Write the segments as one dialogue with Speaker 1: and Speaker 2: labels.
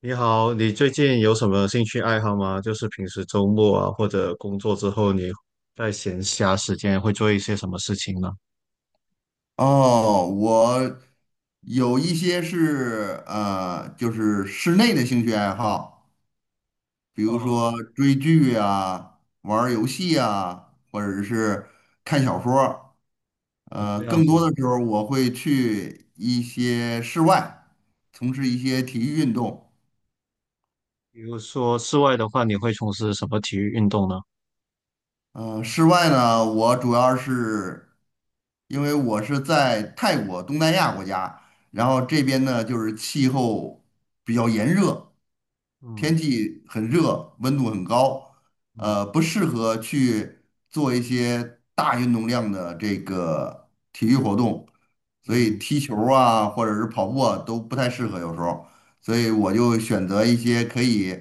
Speaker 1: 你好，你最近有什么兴趣爱好吗？就是平时周末啊，或者工作之后，你在闲暇时间会做一些什么事情呢？
Speaker 2: 哦，我有一些是就是室内的兴趣爱好，比如
Speaker 1: 哦，
Speaker 2: 说追剧啊、玩儿游戏啊，或者是看小说儿
Speaker 1: 哦，这样
Speaker 2: 更
Speaker 1: 子。
Speaker 2: 多的时候我会去一些室外，从事一些体育运动。
Speaker 1: 比如说室外的话，你会从事什么体育运动呢？
Speaker 2: 室外呢，我主要是因为我是在泰国东南亚国家，然后这边呢就是气候比较炎热。
Speaker 1: 嗯
Speaker 2: 天气很热，温度很高，
Speaker 1: 嗯
Speaker 2: 不适合去做一些大运动量的这个体育活动，所以
Speaker 1: 嗯。
Speaker 2: 踢球儿啊，或者是跑步啊，都不太适合有时候，所以我就选择一些可以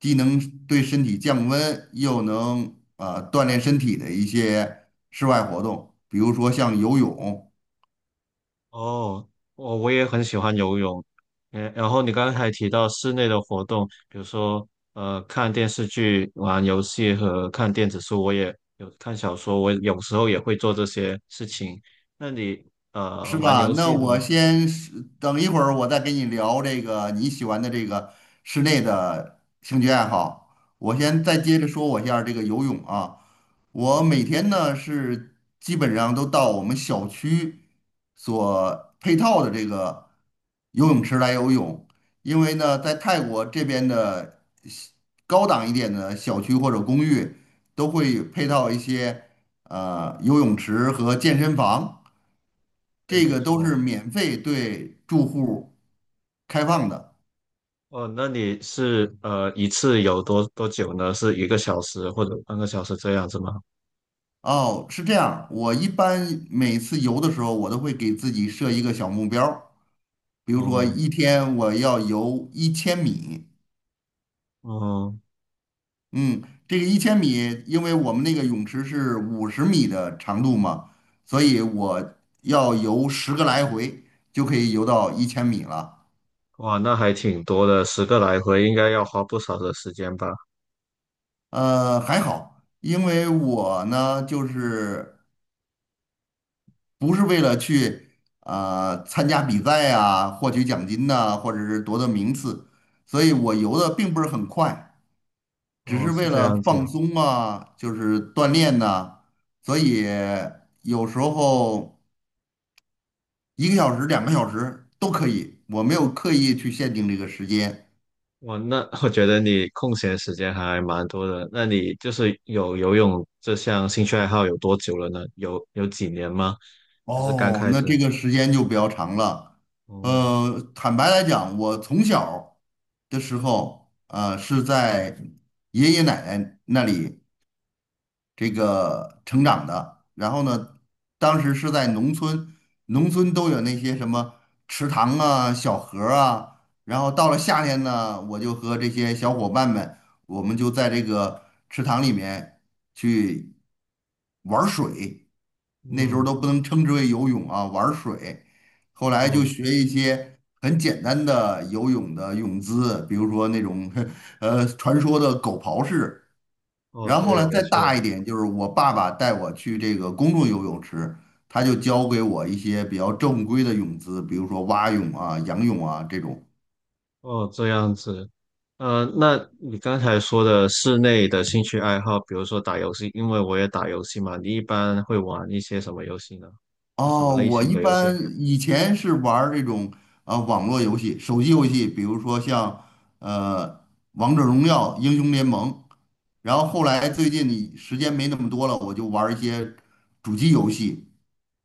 Speaker 2: 既能对身体降温，又能锻炼身体的一些室外活动，比如说像游泳。
Speaker 1: 哦，我也很喜欢游泳。嗯，然后你刚才提到室内的活动，比如说看电视剧、玩游戏和看电子书，我也有看小说，我有时候也会做这些事情。那你
Speaker 2: 是
Speaker 1: 玩
Speaker 2: 吧？
Speaker 1: 游
Speaker 2: 那
Speaker 1: 戏的话，
Speaker 2: 我先是等一会儿，我再跟你聊这个你喜欢的这个室内的兴趣爱好。我先再接着说我一下这个游泳啊，
Speaker 1: 嗯，
Speaker 2: 我每天呢是基本上都到我们小区所配套的这个游泳池来游泳，因为呢在泰国这边的高档一点的小区或者公寓都会配套一些游泳池和健身房。
Speaker 1: 对，
Speaker 2: 这
Speaker 1: 没
Speaker 2: 个都
Speaker 1: 错。
Speaker 2: 是免费对住户开放的。
Speaker 1: 哦，那你是一次有多久呢？是1个小时或者半个小时这样子吗？
Speaker 2: 哦，是这样，我一般每次游的时候，我都会给自己设一个小目标儿比如说
Speaker 1: 哦，
Speaker 2: 一天我要游一千米。
Speaker 1: 哦，
Speaker 2: 嗯，这个一千米，因为我们那个泳池是50米的长度嘛，所以我要游10个来回就可以游到一千米了。
Speaker 1: 哇，那还挺多的，10个来回应该要花不少的时间吧？
Speaker 2: 呃，还好，因为我呢就是。不是为了去参加比赛啊，获取奖金呐、或者是夺得名次，所以我游的并不是很快，只
Speaker 1: 哦，
Speaker 2: 是
Speaker 1: 是
Speaker 2: 为
Speaker 1: 这
Speaker 2: 了
Speaker 1: 样
Speaker 2: 放
Speaker 1: 子。
Speaker 2: 松啊，就是锻炼呐、所以有时候1个小时、2个小时都可以，我没有刻意去限定这个时间。
Speaker 1: 哇，那 我觉得你空闲时间还蛮多的。那你就是有游泳这项兴趣爱好有多久了呢？有几年吗？还是刚
Speaker 2: 哦，
Speaker 1: 开
Speaker 2: 那
Speaker 1: 始？
Speaker 2: 这个时间就比较长了。
Speaker 1: 哦，
Speaker 2: 坦白来讲，我从小的时候，呃，是在爷爷奶奶那里这个成长的。然后呢，当时是在农村，农村都有那些什么池塘啊、小河儿啊。然后到了夏天呢，我就和这些小伙伴们，我们就在这个池塘里面去玩儿水。那时候
Speaker 1: 嗯，
Speaker 2: 都不能称之为游泳啊，玩儿水。后来就
Speaker 1: 哦，
Speaker 2: 学一些很简单的游泳的泳姿，比如说那种 传说的狗刨式。
Speaker 1: 哦，
Speaker 2: 然后
Speaker 1: 对，
Speaker 2: 呢，
Speaker 1: 没
Speaker 2: 再大
Speaker 1: 错，
Speaker 2: 一点，就是我爸爸带我去这个公众游泳池，他就教给我一些比较正规的泳姿，比如说蛙泳啊、仰泳啊这种。
Speaker 1: 哦，这样子。那你刚才说的室内的兴趣爱好，比如说打游戏，因为我也打游戏嘛，你一般会玩一些什么游戏呢？是什么
Speaker 2: 哦，
Speaker 1: 类
Speaker 2: 我
Speaker 1: 型
Speaker 2: 一
Speaker 1: 的游戏？
Speaker 2: 般以前是玩儿这种啊、网络游戏、手机游戏，比如说像呃《王者荣耀》《英雄联盟》，然后后来最近你时间没那么多了，我就玩儿一些主机游戏，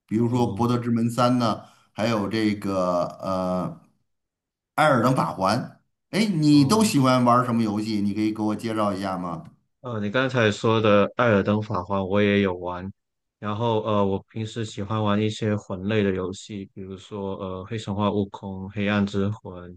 Speaker 2: 比如说
Speaker 1: 哦，
Speaker 2: 《博德之门三》呢，还有这个艾尔登法环。哎，你都
Speaker 1: 哦。
Speaker 2: 喜欢玩什么游戏？你可以给我介绍一下吗？
Speaker 1: 你刚才说的《艾尔登法环》我也有玩，然后我平时喜欢玩一些魂类的游戏，比如说《黑神话：悟空》《黑暗之魂》，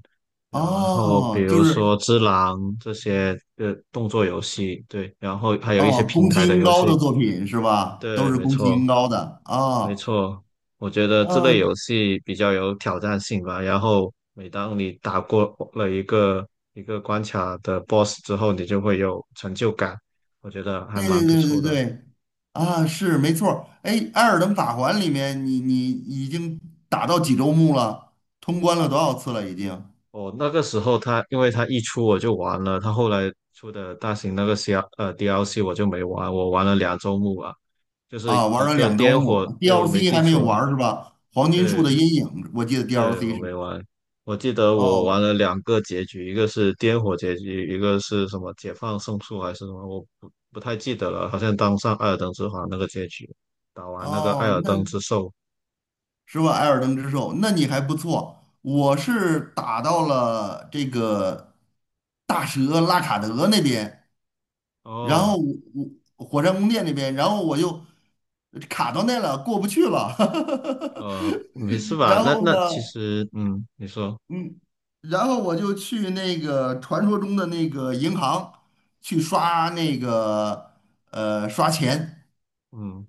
Speaker 1: 然后比
Speaker 2: 哦，就
Speaker 1: 如
Speaker 2: 是
Speaker 1: 说《只狼》这些动作游戏，对，然后还有一些
Speaker 2: 哦，
Speaker 1: 平
Speaker 2: 宫崎
Speaker 1: 台的
Speaker 2: 英
Speaker 1: 游
Speaker 2: 高的
Speaker 1: 戏，
Speaker 2: 作品是吧？
Speaker 1: 对，
Speaker 2: 都是
Speaker 1: 没
Speaker 2: 宫崎英
Speaker 1: 错。
Speaker 2: 高的
Speaker 1: 没
Speaker 2: 啊
Speaker 1: 错，我觉得这
Speaker 2: 啊，
Speaker 1: 类游戏比较有挑战性吧。然后每当你打过了一个一个关卡的 BOSS 之后，你就会有成就感，我觉得还
Speaker 2: 对
Speaker 1: 蛮不
Speaker 2: 对对对
Speaker 1: 错的。
Speaker 2: 对，啊是没错儿。哎，艾尔登法环里面你已经打到几周目了？通关了多少次了已经？
Speaker 1: 哦，那个时候它因为它一出我就玩了，它后来出的大型那个 DLC 我就没玩，我玩了2周目啊，就
Speaker 2: 啊，
Speaker 1: 是
Speaker 2: 玩
Speaker 1: 一
Speaker 2: 了
Speaker 1: 个
Speaker 2: 两周
Speaker 1: 颠火，
Speaker 2: 目
Speaker 1: 对，我没
Speaker 2: ，DLC
Speaker 1: 记
Speaker 2: 还没有
Speaker 1: 错，
Speaker 2: 玩儿是吧？黄金树的
Speaker 1: 对，
Speaker 2: 阴影，我记得
Speaker 1: 对，
Speaker 2: DLC
Speaker 1: 我
Speaker 2: 是。
Speaker 1: 没玩。我记得我玩
Speaker 2: 哦
Speaker 1: 了2个结局，一个是颠火结局，一个是什么解放圣树还是什么，我不太记得了。好像当上艾尔登之皇那个结局，打完那个艾
Speaker 2: 哦，
Speaker 1: 尔
Speaker 2: 那
Speaker 1: 登之兽。
Speaker 2: 是吧？艾尔登之兽，那你还不错。我是打到了这个大蛇拉卡德那边，然后
Speaker 1: 哦，
Speaker 2: 我火山宫殿那边，然后我就卡到那了，过不去了。
Speaker 1: 没事 吧？
Speaker 2: 然
Speaker 1: 那
Speaker 2: 后呢，
Speaker 1: 那其实，嗯，你说，
Speaker 2: 嗯，然后我就去那个传说中的那个银行去刷那个刷钱。
Speaker 1: 嗯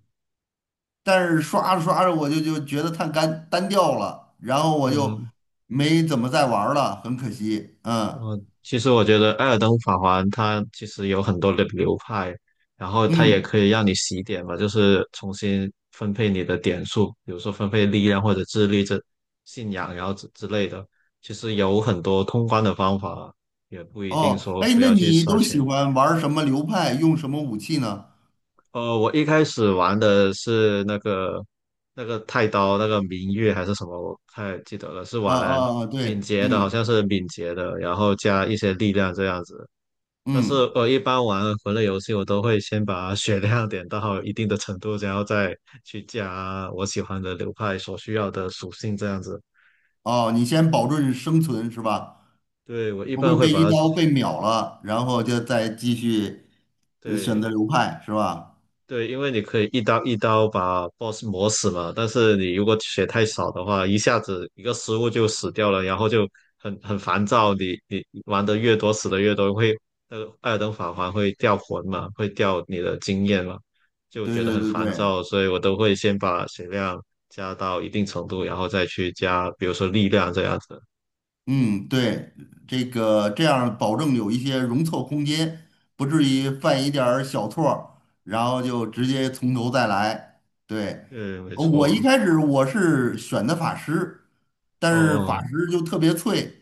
Speaker 2: 但是刷着刷着我就觉得太干单调了，然后我就
Speaker 1: 嗯，
Speaker 2: 没怎么再玩儿了，很可惜。嗯
Speaker 1: 其实我觉得《艾尔登法环》它其实有很多的流派，然后它也
Speaker 2: 嗯，
Speaker 1: 可以让你洗点嘛，就是重新分配你的点数，比如说分配力量或者智力这信仰，然后之类的。其实有很多通关的方法，也不一定
Speaker 2: 哦，
Speaker 1: 说
Speaker 2: 哎，
Speaker 1: 非
Speaker 2: 那
Speaker 1: 要去
Speaker 2: 你
Speaker 1: 刷
Speaker 2: 都喜
Speaker 1: 全。
Speaker 2: 欢玩儿什么流派，用什么武器呢？
Speaker 1: 我一开始玩的是那个太刀，那个明月还是什么，我不太记得了，是
Speaker 2: 啊
Speaker 1: 玩
Speaker 2: 啊啊，对，
Speaker 1: 敏捷的，好
Speaker 2: 嗯
Speaker 1: 像是敏捷的，然后加一些力量这样子。但是
Speaker 2: 嗯，
Speaker 1: 我一般玩魂类游戏，我都会先把血量点到一定的程度，然后再去加我喜欢的流派所需要的属性，这样子。
Speaker 2: 哦，你先保证生存是吧？
Speaker 1: 对，我一
Speaker 2: 不
Speaker 1: 般
Speaker 2: 会
Speaker 1: 会
Speaker 2: 被一
Speaker 1: 把它，
Speaker 2: 刀被秒了，然后就再继续选择
Speaker 1: 对，
Speaker 2: 流派是吧？
Speaker 1: 对，因为你可以一刀一刀把 boss 磨死嘛，但是你如果血太少的话，一下子一个失误就死掉了，然后就很烦躁。你玩的越多，死的越多，会那个艾尔登法环会掉魂嘛，会掉你的经验嘛，就
Speaker 2: 对
Speaker 1: 觉得
Speaker 2: 对
Speaker 1: 很
Speaker 2: 对
Speaker 1: 烦
Speaker 2: 对，
Speaker 1: 躁，所以我都会先把血量加到一定程度，然后再去加，比如说力量这样子。
Speaker 2: 嗯，对，这个这样保证有一些容错空间，不至于犯一点儿小错儿，然后就直接从头再来。对，
Speaker 1: 嗯，没
Speaker 2: 我一
Speaker 1: 错。
Speaker 2: 开始我是选的法师，但是
Speaker 1: 哦，
Speaker 2: 法师就特别脆，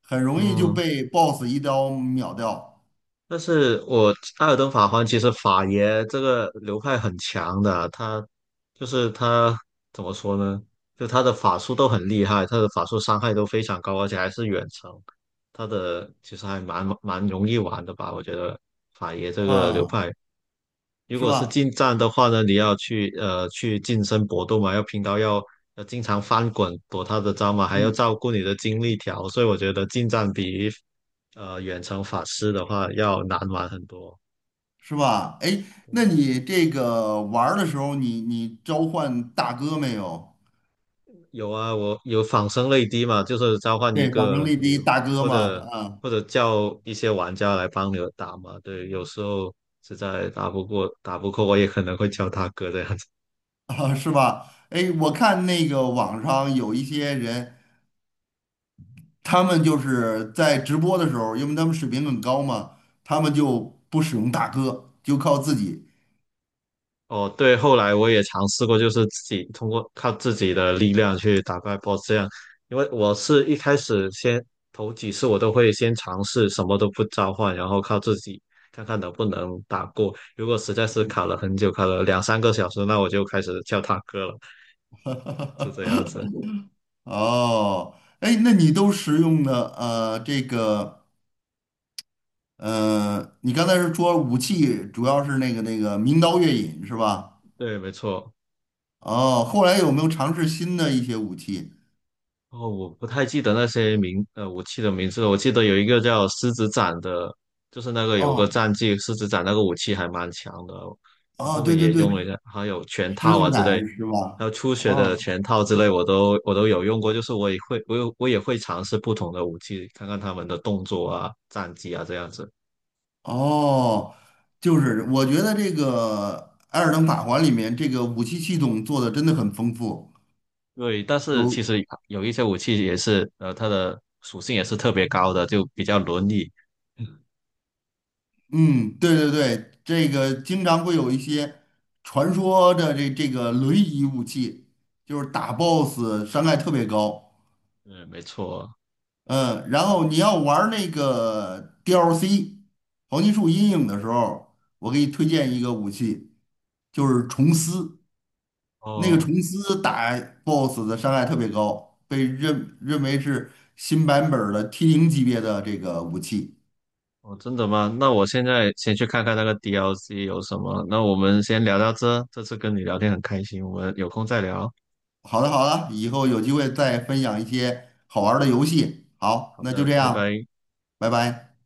Speaker 2: 很容易就
Speaker 1: 嗯，
Speaker 2: 被 BOSS 一刀秒掉，
Speaker 1: 但是我艾尔登法环其实法爷这个流派很强的，他就是他怎么说呢？就他的法术都很厉害，他的法术伤害都非常高，而且还是远程。他的其实还蛮容易玩的吧？我觉得法爷这个流
Speaker 2: 啊，
Speaker 1: 派。如
Speaker 2: 是
Speaker 1: 果是
Speaker 2: 吧？
Speaker 1: 近战的话呢，你要去去近身搏斗嘛，要拼刀，要经常翻滚躲他的招嘛，还要
Speaker 2: 嗯，
Speaker 1: 照顾你的精力条，所以我觉得近战比远程法师的话要难玩很多。
Speaker 2: 是吧？哎，那
Speaker 1: 嗯，
Speaker 2: 你这个玩儿的时候你，你召唤大哥没有？
Speaker 1: 有啊，我有仿生泪滴嘛，就是召唤一
Speaker 2: 对，仿生
Speaker 1: 个
Speaker 2: 力第
Speaker 1: 你
Speaker 2: 一大哥
Speaker 1: 或
Speaker 2: 嘛，
Speaker 1: 者
Speaker 2: 啊。
Speaker 1: 或者叫一些玩家来帮你打嘛。对，有时候实在打不过打不过，我也可能会叫大哥这样子。
Speaker 2: 啊，是吧？哎，我看那个网上有一些人，他们就是在直播的时候，因为他们水平很高嘛，他们就不使用大哥，就靠自己。
Speaker 1: 哦，对，后来我也尝试过，就是自己通过靠自己的力量去打怪 BOSS 这样，因为我是一开始先头几次我都会先尝试什么都不召唤，然后靠自己看看能不能打过。如果实在是卡了很久，卡了两三个小时，那我就开始叫大哥了，是这样子。
Speaker 2: 哦，哎，那你都使用的这个你刚才是说武器主要是那个名刀月影是吧？
Speaker 1: 对，没错。
Speaker 2: 哦，后来有没有尝试新的一些武器？
Speaker 1: 哦，我不太记得那些名，武器的名字了。我记得有一个叫狮子斩的，就是那个有个
Speaker 2: 哦
Speaker 1: 战绩，狮子斩那个武器还蛮强的。我
Speaker 2: 哦，
Speaker 1: 后
Speaker 2: 对
Speaker 1: 面
Speaker 2: 对
Speaker 1: 也
Speaker 2: 对，
Speaker 1: 用了一下，还有拳
Speaker 2: 狮
Speaker 1: 套
Speaker 2: 子
Speaker 1: 啊之
Speaker 2: 斩
Speaker 1: 类，
Speaker 2: 是吧？
Speaker 1: 还有初学的
Speaker 2: 哦。
Speaker 1: 拳套之类，我都有用过。就是我也会，我也会尝试不同的武器，看看他们的动作啊、战绩啊这样子。
Speaker 2: 哦，就是我觉得这个《艾尔登法环》里面这个武器系统做的真的很丰富，
Speaker 1: 对，但是
Speaker 2: 有，
Speaker 1: 其实有一些武器也是，它的属性也是特别高的，就比较轮椅。
Speaker 2: 嗯，对对对，这个经常会有一些传说的这个轮椅武器，就是打 BOSS 伤害特别高，
Speaker 1: 嗯，没错。
Speaker 2: 嗯，然后你要玩儿那个 DLC 黄金树阴影的时候，我给你推荐一个武器，就是虫丝。那个
Speaker 1: 哦，
Speaker 2: 虫丝打 BOSS 的伤害特别高，被认为是新版本儿的 T0级别的这个武器。
Speaker 1: 哦，真的吗？那我现在先去看看那个 DLC 有什么。那我们先聊到这，这次跟你聊天很开心，我们有空再聊。
Speaker 2: 好的，好的，以后有机会再分享一些好玩儿的游戏。好，
Speaker 1: 好
Speaker 2: 那就
Speaker 1: 的，
Speaker 2: 这
Speaker 1: 拜
Speaker 2: 样，
Speaker 1: 拜。
Speaker 2: 拜拜。